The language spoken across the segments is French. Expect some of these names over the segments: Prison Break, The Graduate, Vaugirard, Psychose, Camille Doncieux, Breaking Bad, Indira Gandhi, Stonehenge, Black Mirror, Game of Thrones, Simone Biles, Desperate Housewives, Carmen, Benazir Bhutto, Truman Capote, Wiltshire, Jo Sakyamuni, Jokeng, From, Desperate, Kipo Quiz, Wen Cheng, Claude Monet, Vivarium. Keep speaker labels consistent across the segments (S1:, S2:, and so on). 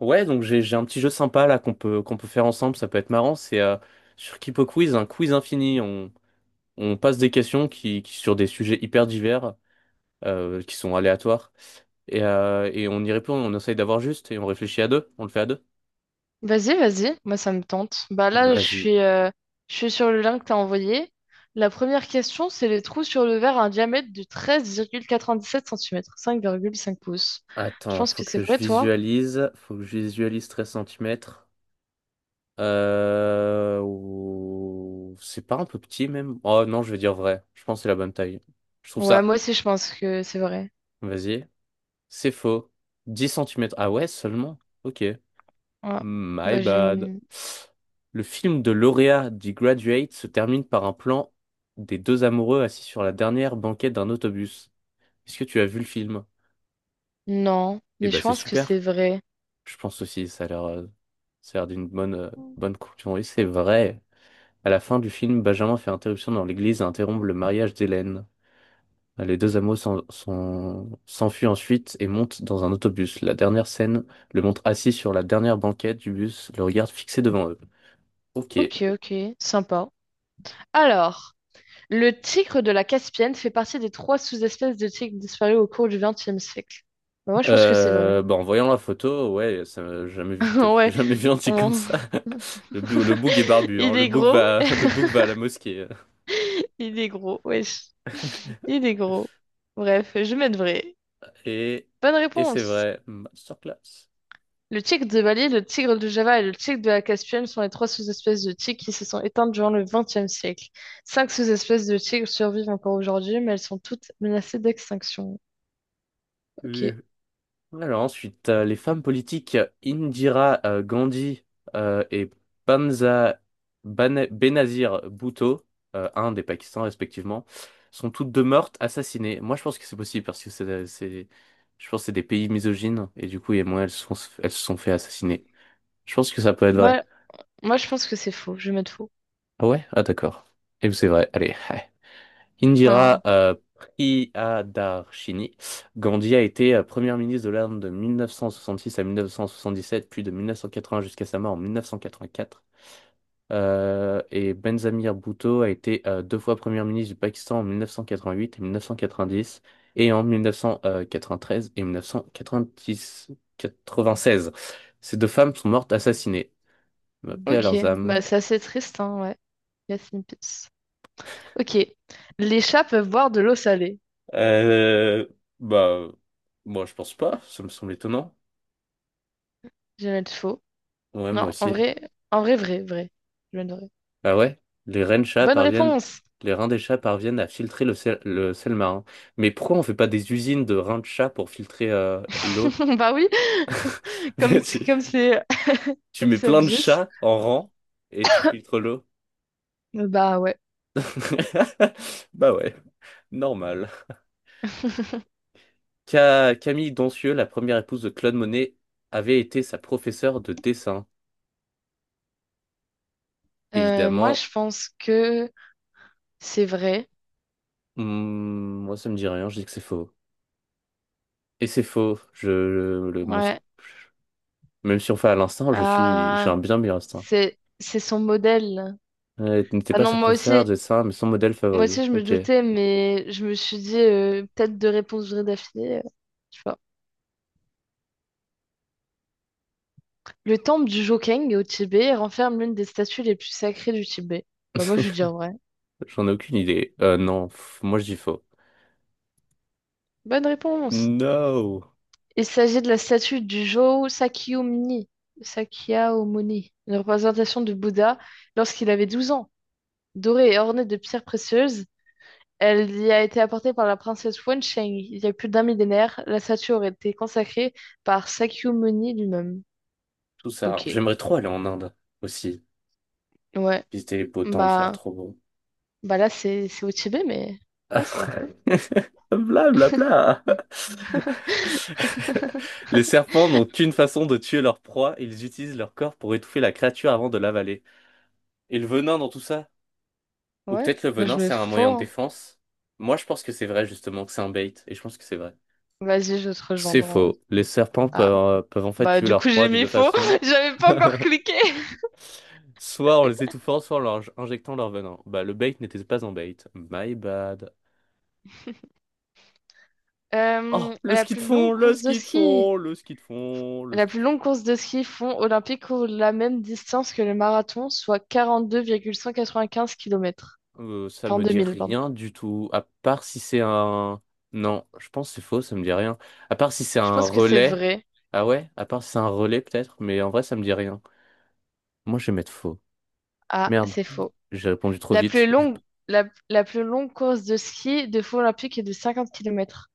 S1: Ouais, donc j'ai un petit jeu sympa là qu'on peut faire ensemble, ça peut être marrant. C'est sur Kipo Quiz, un quiz infini. On passe des questions qui sur des sujets hyper divers, qui sont aléatoires, et on y répond. On essaye d'avoir juste et on réfléchit à deux. On le fait à deux.
S2: Vas-y, vas-y, moi ça me tente. Bah là,
S1: Vas-y.
S2: je suis sur le lien que t'as envoyé. La première question, c'est les trous sur le verre à un diamètre de treize virgule quatre-vingt-dix-sept centimètres cinq virgule cinq pouces. Je
S1: Attends,
S2: pense
S1: faut
S2: que c'est
S1: que je
S2: vrai, toi?
S1: visualise. Faut que je visualise 13 centimètres. C'est pas un peu petit même? Oh non, je vais dire vrai. Je pense que c'est la bonne taille. Je trouve
S2: Ouais,
S1: ça.
S2: moi aussi je pense que c'est vrai.
S1: Vas-y. C'est faux. 10 centimètres. Ah ouais, seulement? Ok.
S2: Ouais.
S1: My
S2: Bah
S1: bad.
S2: j'aime.
S1: Le film de lauréat du Graduate se termine par un plan des deux amoureux assis sur la dernière banquette d'un autobus. Est-ce que tu as vu le film?
S2: Non,
S1: Eh
S2: mais
S1: ben,
S2: je
S1: c'est
S2: pense que c'est
S1: super.
S2: vrai.
S1: Je pense aussi, ça a l'air d'une bonne, bonne conclusion. Oui, c'est vrai. À la fin du film, Benjamin fait interruption dans l'église et interrompt le mariage d'Hélène. Bah, les deux amoureux s'enfuient ensuite et montent dans un autobus. La dernière scène le montre assis sur la dernière banquette du bus, le regard fixé devant eux. Ok.
S2: Ok, ok, sympa. Alors, le tigre de la Caspienne fait partie des trois sous-espèces de tigres disparues au cours du XXe siècle. Bah, moi je pense que c'est vrai.
S1: Bah, en voyant la photo, ouais, ça m'a jamais vu, t'as
S2: Ouais,
S1: jamais vu un type comme
S2: on-
S1: ça. Le bouc est barbu, hein.
S2: il est gros,
S1: Le bouc va à la mosquée.
S2: il est gros, wesh, il est gros. Bref, je vais mettre vrai.
S1: Et,
S2: Bonne
S1: et c'est
S2: réponse.
S1: vrai, masterclass.
S2: Le tigre de Bali, le tigre de Java et le tigre de la Caspienne sont les trois sous-espèces de tigres qui se sont éteintes durant le XXe siècle. Cinq sous-espèces de tigres survivent encore aujourd'hui, mais elles sont toutes menacées d'extinction. Ok.
S1: Alors ensuite, les femmes politiques Indira Gandhi et Bamza Benazir Bhutto, Inde et Pakistan respectivement, sont toutes deux mortes, assassinées. Moi, je pense que c'est possible parce que je pense que c'est des pays misogynes et du coup, et moi, elles se sont fait assassiner. Je pense que ça peut être vrai.
S2: Moi, moi, je pense que c'est faux. Je vais mettre faux.
S1: Ah ouais? Ah d'accord. Et c'est vrai. Allez. Indira
S2: Ah.
S1: Priyadarshini Gandhi a été première ministre de l'Inde de 1966 à 1977, puis de 1980 jusqu'à sa mort en 1984. Et Benzamir Bhutto a été deux fois premier ministre du Pakistan en 1988 et 1990, et en 1993 et 1996. Ces deux femmes sont mortes assassinées. Paix à
S2: Ok.
S1: leurs
S2: Bah,
S1: âmes.
S2: c'est assez triste, hein, ouais. Rest in peace. Ok. Les chats peuvent boire de l'eau salée.
S1: Euh, bah, moi je pense pas, ça me semble étonnant.
S2: Je vais mettre faux.
S1: Ouais,
S2: Non,
S1: moi aussi.
S2: en vrai, vrai, vrai. Je viens de vrai.
S1: Ah ouais? Les reines chats
S2: Bonne
S1: parviennent,
S2: réponse!
S1: les reins des chats parviennent à filtrer le sel marin. Mais pourquoi on fait pas des usines de reins de chats pour filtrer l'eau?
S2: Bah oui, comme
S1: Mais Tu,
S2: comme c'est
S1: tu
S2: comme
S1: mets
S2: c'est
S1: plein de
S2: obvious.
S1: chats en rang et tu filtres l'eau.
S2: Bah ouais.
S1: Bah ouais, normal. Camille Doncieux, la première épouse de Claude Monet, avait été sa professeure de dessin.
S2: Moi,
S1: Évidemment,
S2: je pense que c'est vrai.
S1: hmm, moi ça me dit rien, je dis que c'est faux. Et c'est faux. Le, mon-
S2: Ouais.
S1: même si on fait à l'instant, j'ai
S2: Ah,
S1: un bien meilleur instinct.
S2: c'est son modèle.
S1: Elle n'était
S2: Bah
S1: pas
S2: non,
S1: sa
S2: moi
S1: professeure
S2: aussi.
S1: de dessin, mais son modèle
S2: Moi
S1: favori.
S2: aussi, je me
S1: Ok.
S2: doutais, mais je me suis dit peut-être deux réponses vraies d'affilée, je sais pas. Le temple du Jokeng au Tibet renferme l'une des statues les plus sacrées du Tibet. Bah moi, je veux dire vrai.
S1: J'en ai aucune idée. Non, pff, moi je dis faux.
S2: Bonne réponse!
S1: No!
S2: Il s'agit de la statue du Jo Sakyamuni, une représentation du Bouddha lorsqu'il avait 12 ans. Dorée et ornée de pierres précieuses, elle y a été apportée par la princesse Wen Cheng. Il y a plus d'un millénaire, la statue aurait été consacrée par Sakyamuni lui-même.
S1: Tout ça.
S2: Ok,
S1: J'aimerais trop aller en Inde aussi.
S2: ouais.
S1: Visiter les beaux temples, ça a l'air
S2: Bah,
S1: trop beau.
S2: là, c'est au Tibet, mais ouais, ça a l'air cool.
S1: Bla bla bla. Les serpents n'ont qu'une façon de tuer leur proie, ils utilisent leur corps pour étouffer la créature avant de l'avaler. Et le venin dans tout ça? Ou
S2: Ouais,
S1: peut-être le
S2: moi
S1: venin,
S2: je mets
S1: c'est un
S2: faux,
S1: moyen de
S2: hein.
S1: défense? Moi, je pense que c'est vrai, justement, que c'est un bait, et je pense que c'est vrai.
S2: Vas-y, je vais te
S1: C'est
S2: rejoindre. En
S1: faux. Les serpents
S2: Ah,
S1: peuvent, peuvent en fait
S2: bah
S1: tuer
S2: du
S1: leur
S2: coup j'ai
S1: proie de
S2: mis
S1: deux
S2: faux.
S1: façons.
S2: J'avais pas encore cliqué.
S1: Soit en les étouffant, soit en leur injectant leur venin. Bah, le bait n'était pas un bait. My bad. Oh,
S2: Euh,
S1: le
S2: la
S1: ski de
S2: plus
S1: fond,
S2: longue
S1: le
S2: course de
S1: ski de
S2: ski.
S1: fond, le ski de fond, le
S2: La
S1: ski de
S2: plus
S1: fond.
S2: longue course de ski fond olympique couvre la même distance que le marathon, soit quarante-deux virgule cent quatre-vingt-quinze kilomètres,
S1: Ça me
S2: 42
S1: dit
S2: 000, pardon.
S1: rien du tout. À part si c'est un. Non, je pense que c'est faux, ça me dit rien. À part si c'est
S2: Je
S1: un
S2: pense que c'est
S1: relais.
S2: vrai.
S1: Ah ouais? À part si c'est un relais, peut-être. Mais en vrai, ça me dit rien. Moi, je vais mettre faux.
S2: Ah,
S1: Merde.
S2: c'est faux.
S1: J'ai répondu trop
S2: La plus
S1: vite. Je-
S2: longue, la plus longue course de ski de fond olympique est de 50 kilomètres,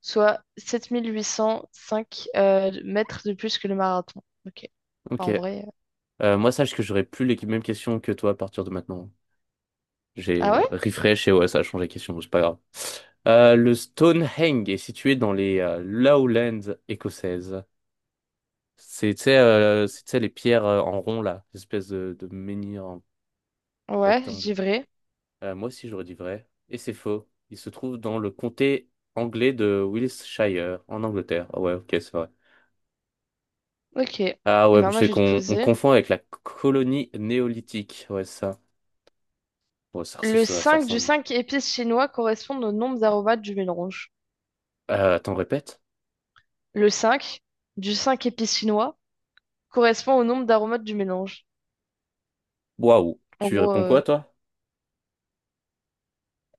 S2: soit 7805 mètres de plus que le marathon. Ok.
S1: Ok.
S2: Enfin, en vrai.
S1: Moi, sache que j'aurais plus les mêmes questions que toi à partir de maintenant.
S2: Ah
S1: J'ai
S2: ouais?
S1: refresh et ouais, ça a changé les questions, c'est pas grave. Le Stonehenge est situé dans les Lowlands écossaises. C'est, tu sais, les pierres en rond, là, espèce de menhir en
S2: Ouais, je
S1: rectangle.
S2: dis vrai.
S1: Moi aussi, j'aurais dit vrai. Et c'est faux. Il se trouve dans le comté anglais de Wiltshire, en Angleterre. Ah ouais, ok, c'est vrai.
S2: Ok. Eh
S1: Ah ouais,
S2: ben, moi,
S1: c'est
S2: je vais te
S1: qu'on on
S2: poser.
S1: confond avec la colonie néolithique. Ouais, c'est ça. Ouais, ça, res-
S2: Le
S1: ça ça
S2: 5 du
S1: ressemble.
S2: 5 épices chinois correspond au nombre d'aromates du mélange.
S1: Attends, répète.
S2: Le 5 du 5 épices chinois correspond au nombre d'aromates du mélange.
S1: Waouh,
S2: En
S1: tu
S2: gros,
S1: réponds quoi, toi?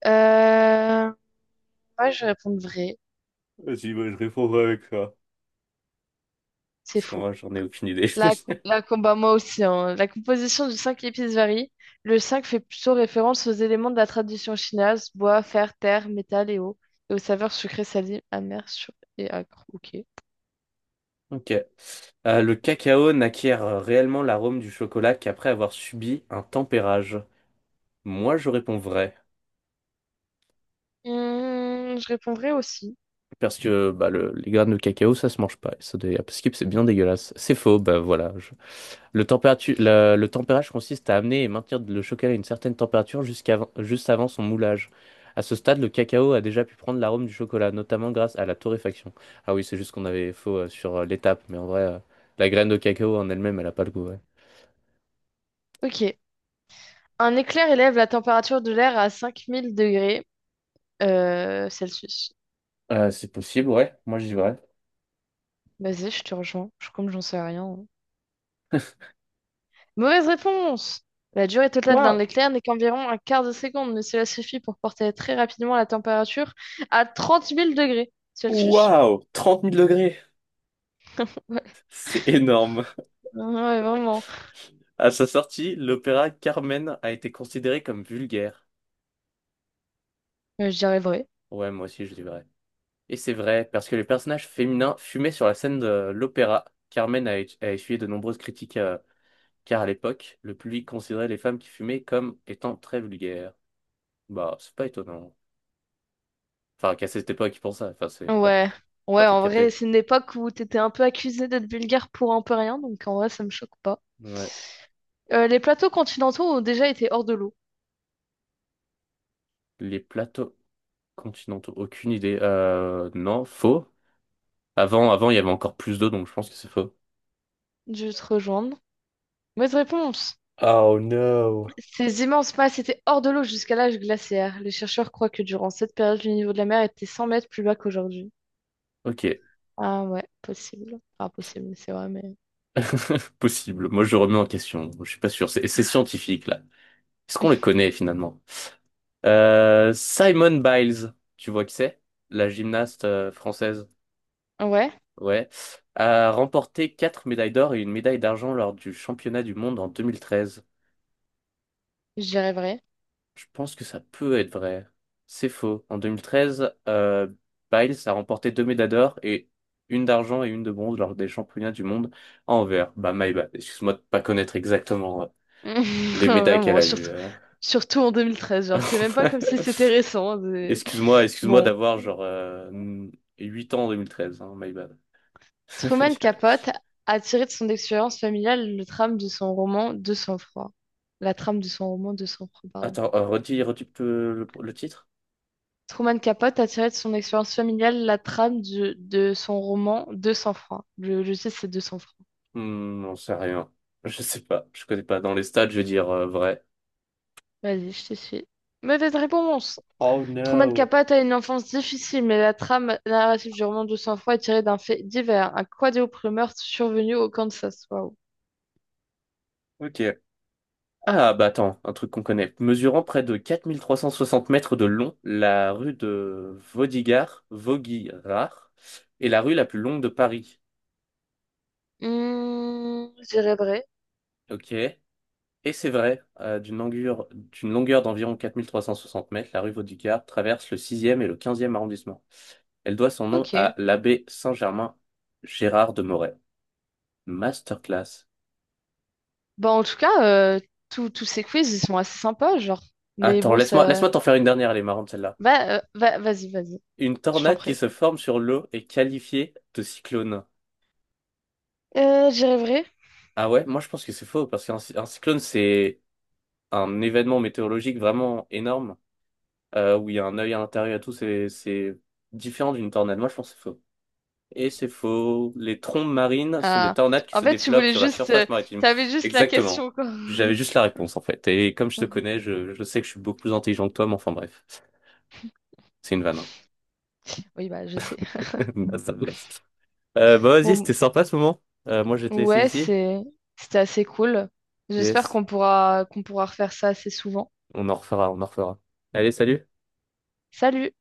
S2: euh, ouais, je vais répondre vrai.
S1: Vas-y, bah, je répondrai avec ça.
S2: C'est
S1: Parce qu'en
S2: faux.
S1: vrai, j'en ai aucune idée.
S2: La, la combat, moi aussi, hein. La composition du 5 épices varie. Le 5 fait plutôt référence aux éléments de la tradition chinoise, bois, fer, terre, métal et eau, et aux saveurs sucrées, salées, amères, sûres et acres. Ok.
S1: Ok. Le cacao n'acquiert réellement l'arôme du chocolat qu'après avoir subi un tempérage. Moi, je réponds vrai.
S2: Hmm, je répondrai aussi.
S1: Parce que bah, les graines de cacao, ça se mange pas. Et parce que c'est bien dégueulasse. C'est faux, bah voilà. Le température, le tempérage consiste à amener et maintenir le chocolat à une certaine température jusqu'à juste avant son moulage. À ce stade, le cacao a déjà pu prendre l'arôme du chocolat, notamment grâce à la torréfaction. Ah oui, c'est juste qu'on avait faux sur l'étape, mais en vrai, la graine de cacao en elle-même, elle a pas le goût, ouais.
S2: Ok. Un éclair élève la température de l'air à 5000 degrés Celsius.
S1: C'est possible, ouais. Moi, j'y vrai.
S2: Bah, vas-y, je te rejoins. Comme j'en sais rien, hein. Mauvaise réponse! La durée totale d'un
S1: Waouh!
S2: éclair n'est qu'environ un quart de seconde, mais cela suffit pour porter très rapidement la température à trente mille degrés Celsius.
S1: Waouh! 30 000 degrés! C'est énorme!
S2: Ouais, ouais, vraiment.
S1: À sa sortie, l'opéra Carmen a été considéré comme vulgaire.
S2: Je dirais vrai.
S1: Ouais, moi aussi je dis vrai. Et c'est vrai, parce que les personnages féminins fumaient sur la scène de l'opéra. Carmen a, a essuyé de nombreuses critiques, car à l'époque, le public considérait les femmes qui fumaient comme étant très vulgaires. Bah, c'est pas étonnant. Enfin, qu'à cette époque, ils pensaient. Enfin, c'est pas le
S2: Ouais.
S1: cas. Enfin,
S2: Ouais,
S1: t'as
S2: en vrai,
S1: capté.
S2: c'est une époque où t'étais un peu accusé d'être vulgaire pour un peu rien, donc en vrai, ça me choque pas.
S1: Ouais.
S2: Les plateaux continentaux ont déjà été hors de l'eau.
S1: Les plateaux continentaux, aucune idée. Non, faux. Avant, il y avait encore plus d'eau, donc je pense que c'est faux.
S2: Je vais te rejoindre. Mauvaise réponse!
S1: Oh no.
S2: Ces immenses masses étaient hors de l'eau jusqu'à l'âge glaciaire. Les chercheurs croient que durant cette période, le niveau de la mer était 100 mètres plus bas qu'aujourd'hui.
S1: Ok.
S2: Ah ouais, possible. Enfin, possible, c'est vrai, mais.
S1: Possible. Moi, je remets en question. Je suis pas sûr. C'est scientifique, là. Est-ce qu'on le connaît, finalement? Simone Biles, tu vois qui c'est? La gymnaste française.
S2: Ouais,
S1: Ouais. A remporté quatre médailles d'or et une médaille d'argent lors du championnat du monde en 2013.
S2: je dirais vrai.
S1: Je pense que ça peut être vrai. C'est faux. En 2013, Biles a remporté deux médailles d'or et une d'argent et une de bronze lors des championnats du monde à Anvers. Bah, my bad. Excuse-moi de pas connaître exactement les médailles qu'elle
S2: Vraiment,
S1: a eues.
S2: surtout,
S1: euh.
S2: surtout en 2013. Genre, c'est même pas comme si c'était récent.
S1: Excuse-moi, excuse-moi
S2: Bon,
S1: d'avoir genre 8 ans en 2013, hein, my bad.
S2: Truman Capote a tiré de son expérience familiale le trame de son roman De sang-froid. La trame de son roman De sang-froid,
S1: Attends, redis, le titre?
S2: Truman Capote a tiré de son expérience familiale la trame de son roman 200 francs. Je sais, c'est 200 francs.
S1: Hmm, j'en sais rien. Je sais pas, je connais pas. Dans les stades, je vais dire vrai.
S2: Vas-y, je te suis. Mauvaise réponse!
S1: Oh
S2: Truman
S1: no.
S2: Capote a une enfance difficile, mais la trame narrative du roman 200 francs est tirée d'un fait divers, un quadruple meurtre survenu au Kansas. Waouh.
S1: Ok. Ah bah attends, un truc qu'on connaît. Mesurant près de 4 360 mètres de long, la rue de Vaudigard, Vaugirard est la rue la plus longue de Paris.
S2: Hmm, je dirais vrai.
S1: Ok. Et c'est vrai, d'une longueur d'environ 4 360 mètres, la rue Vaudricard traverse le sixième et le quinzième arrondissement. Elle doit son nom
S2: Ok.
S1: à l'abbé Saint-Germain Gérard de Moret. Masterclass.
S2: Bah, en tout cas, euh, tous ces quiz, ils sont assez sympas, genre. Mais
S1: Attends,
S2: bon,
S1: laisse-moi,
S2: ça.
S1: laisse-moi t'en faire une dernière, elle est marrante celle-là.
S2: Vas-y, vas-y.
S1: Une
S2: Je t'en
S1: tornade qui
S2: prie.
S1: se forme sur l'eau est qualifiée de cyclone.
S2: Je dirais vrai.
S1: Ah ouais, moi je pense que c'est faux, parce un cyclone c'est un événement météorologique vraiment énorme, où il y a un œil à l'intérieur et tout, c'est différent d'une tornade. Moi je pense que c'est faux. Et c'est faux. Les trombes marines sont des
S2: Ah.
S1: tornades qui
S2: En
S1: se
S2: fait, tu
S1: développent
S2: voulais
S1: sur la
S2: juste,
S1: surface maritime.
S2: t'avais juste la
S1: Exactement.
S2: question, quoi.
S1: J'avais juste la réponse en fait. Et comme je te connais, je sais que je suis beaucoup plus intelligent que toi, mais enfin bref, c'est une vanne. Hein.
S2: Oui, bah, je sais.
S1: Basta, basta. Bah vas-y,
S2: Bon,
S1: c'était sympa ce moment. Moi je vais te laisser
S2: ouais,
S1: ici.
S2: C'était assez cool. J'espère
S1: Yes.
S2: qu'on pourra refaire ça assez souvent.
S1: On en refera, on en refera. Allez, salut.
S2: Salut!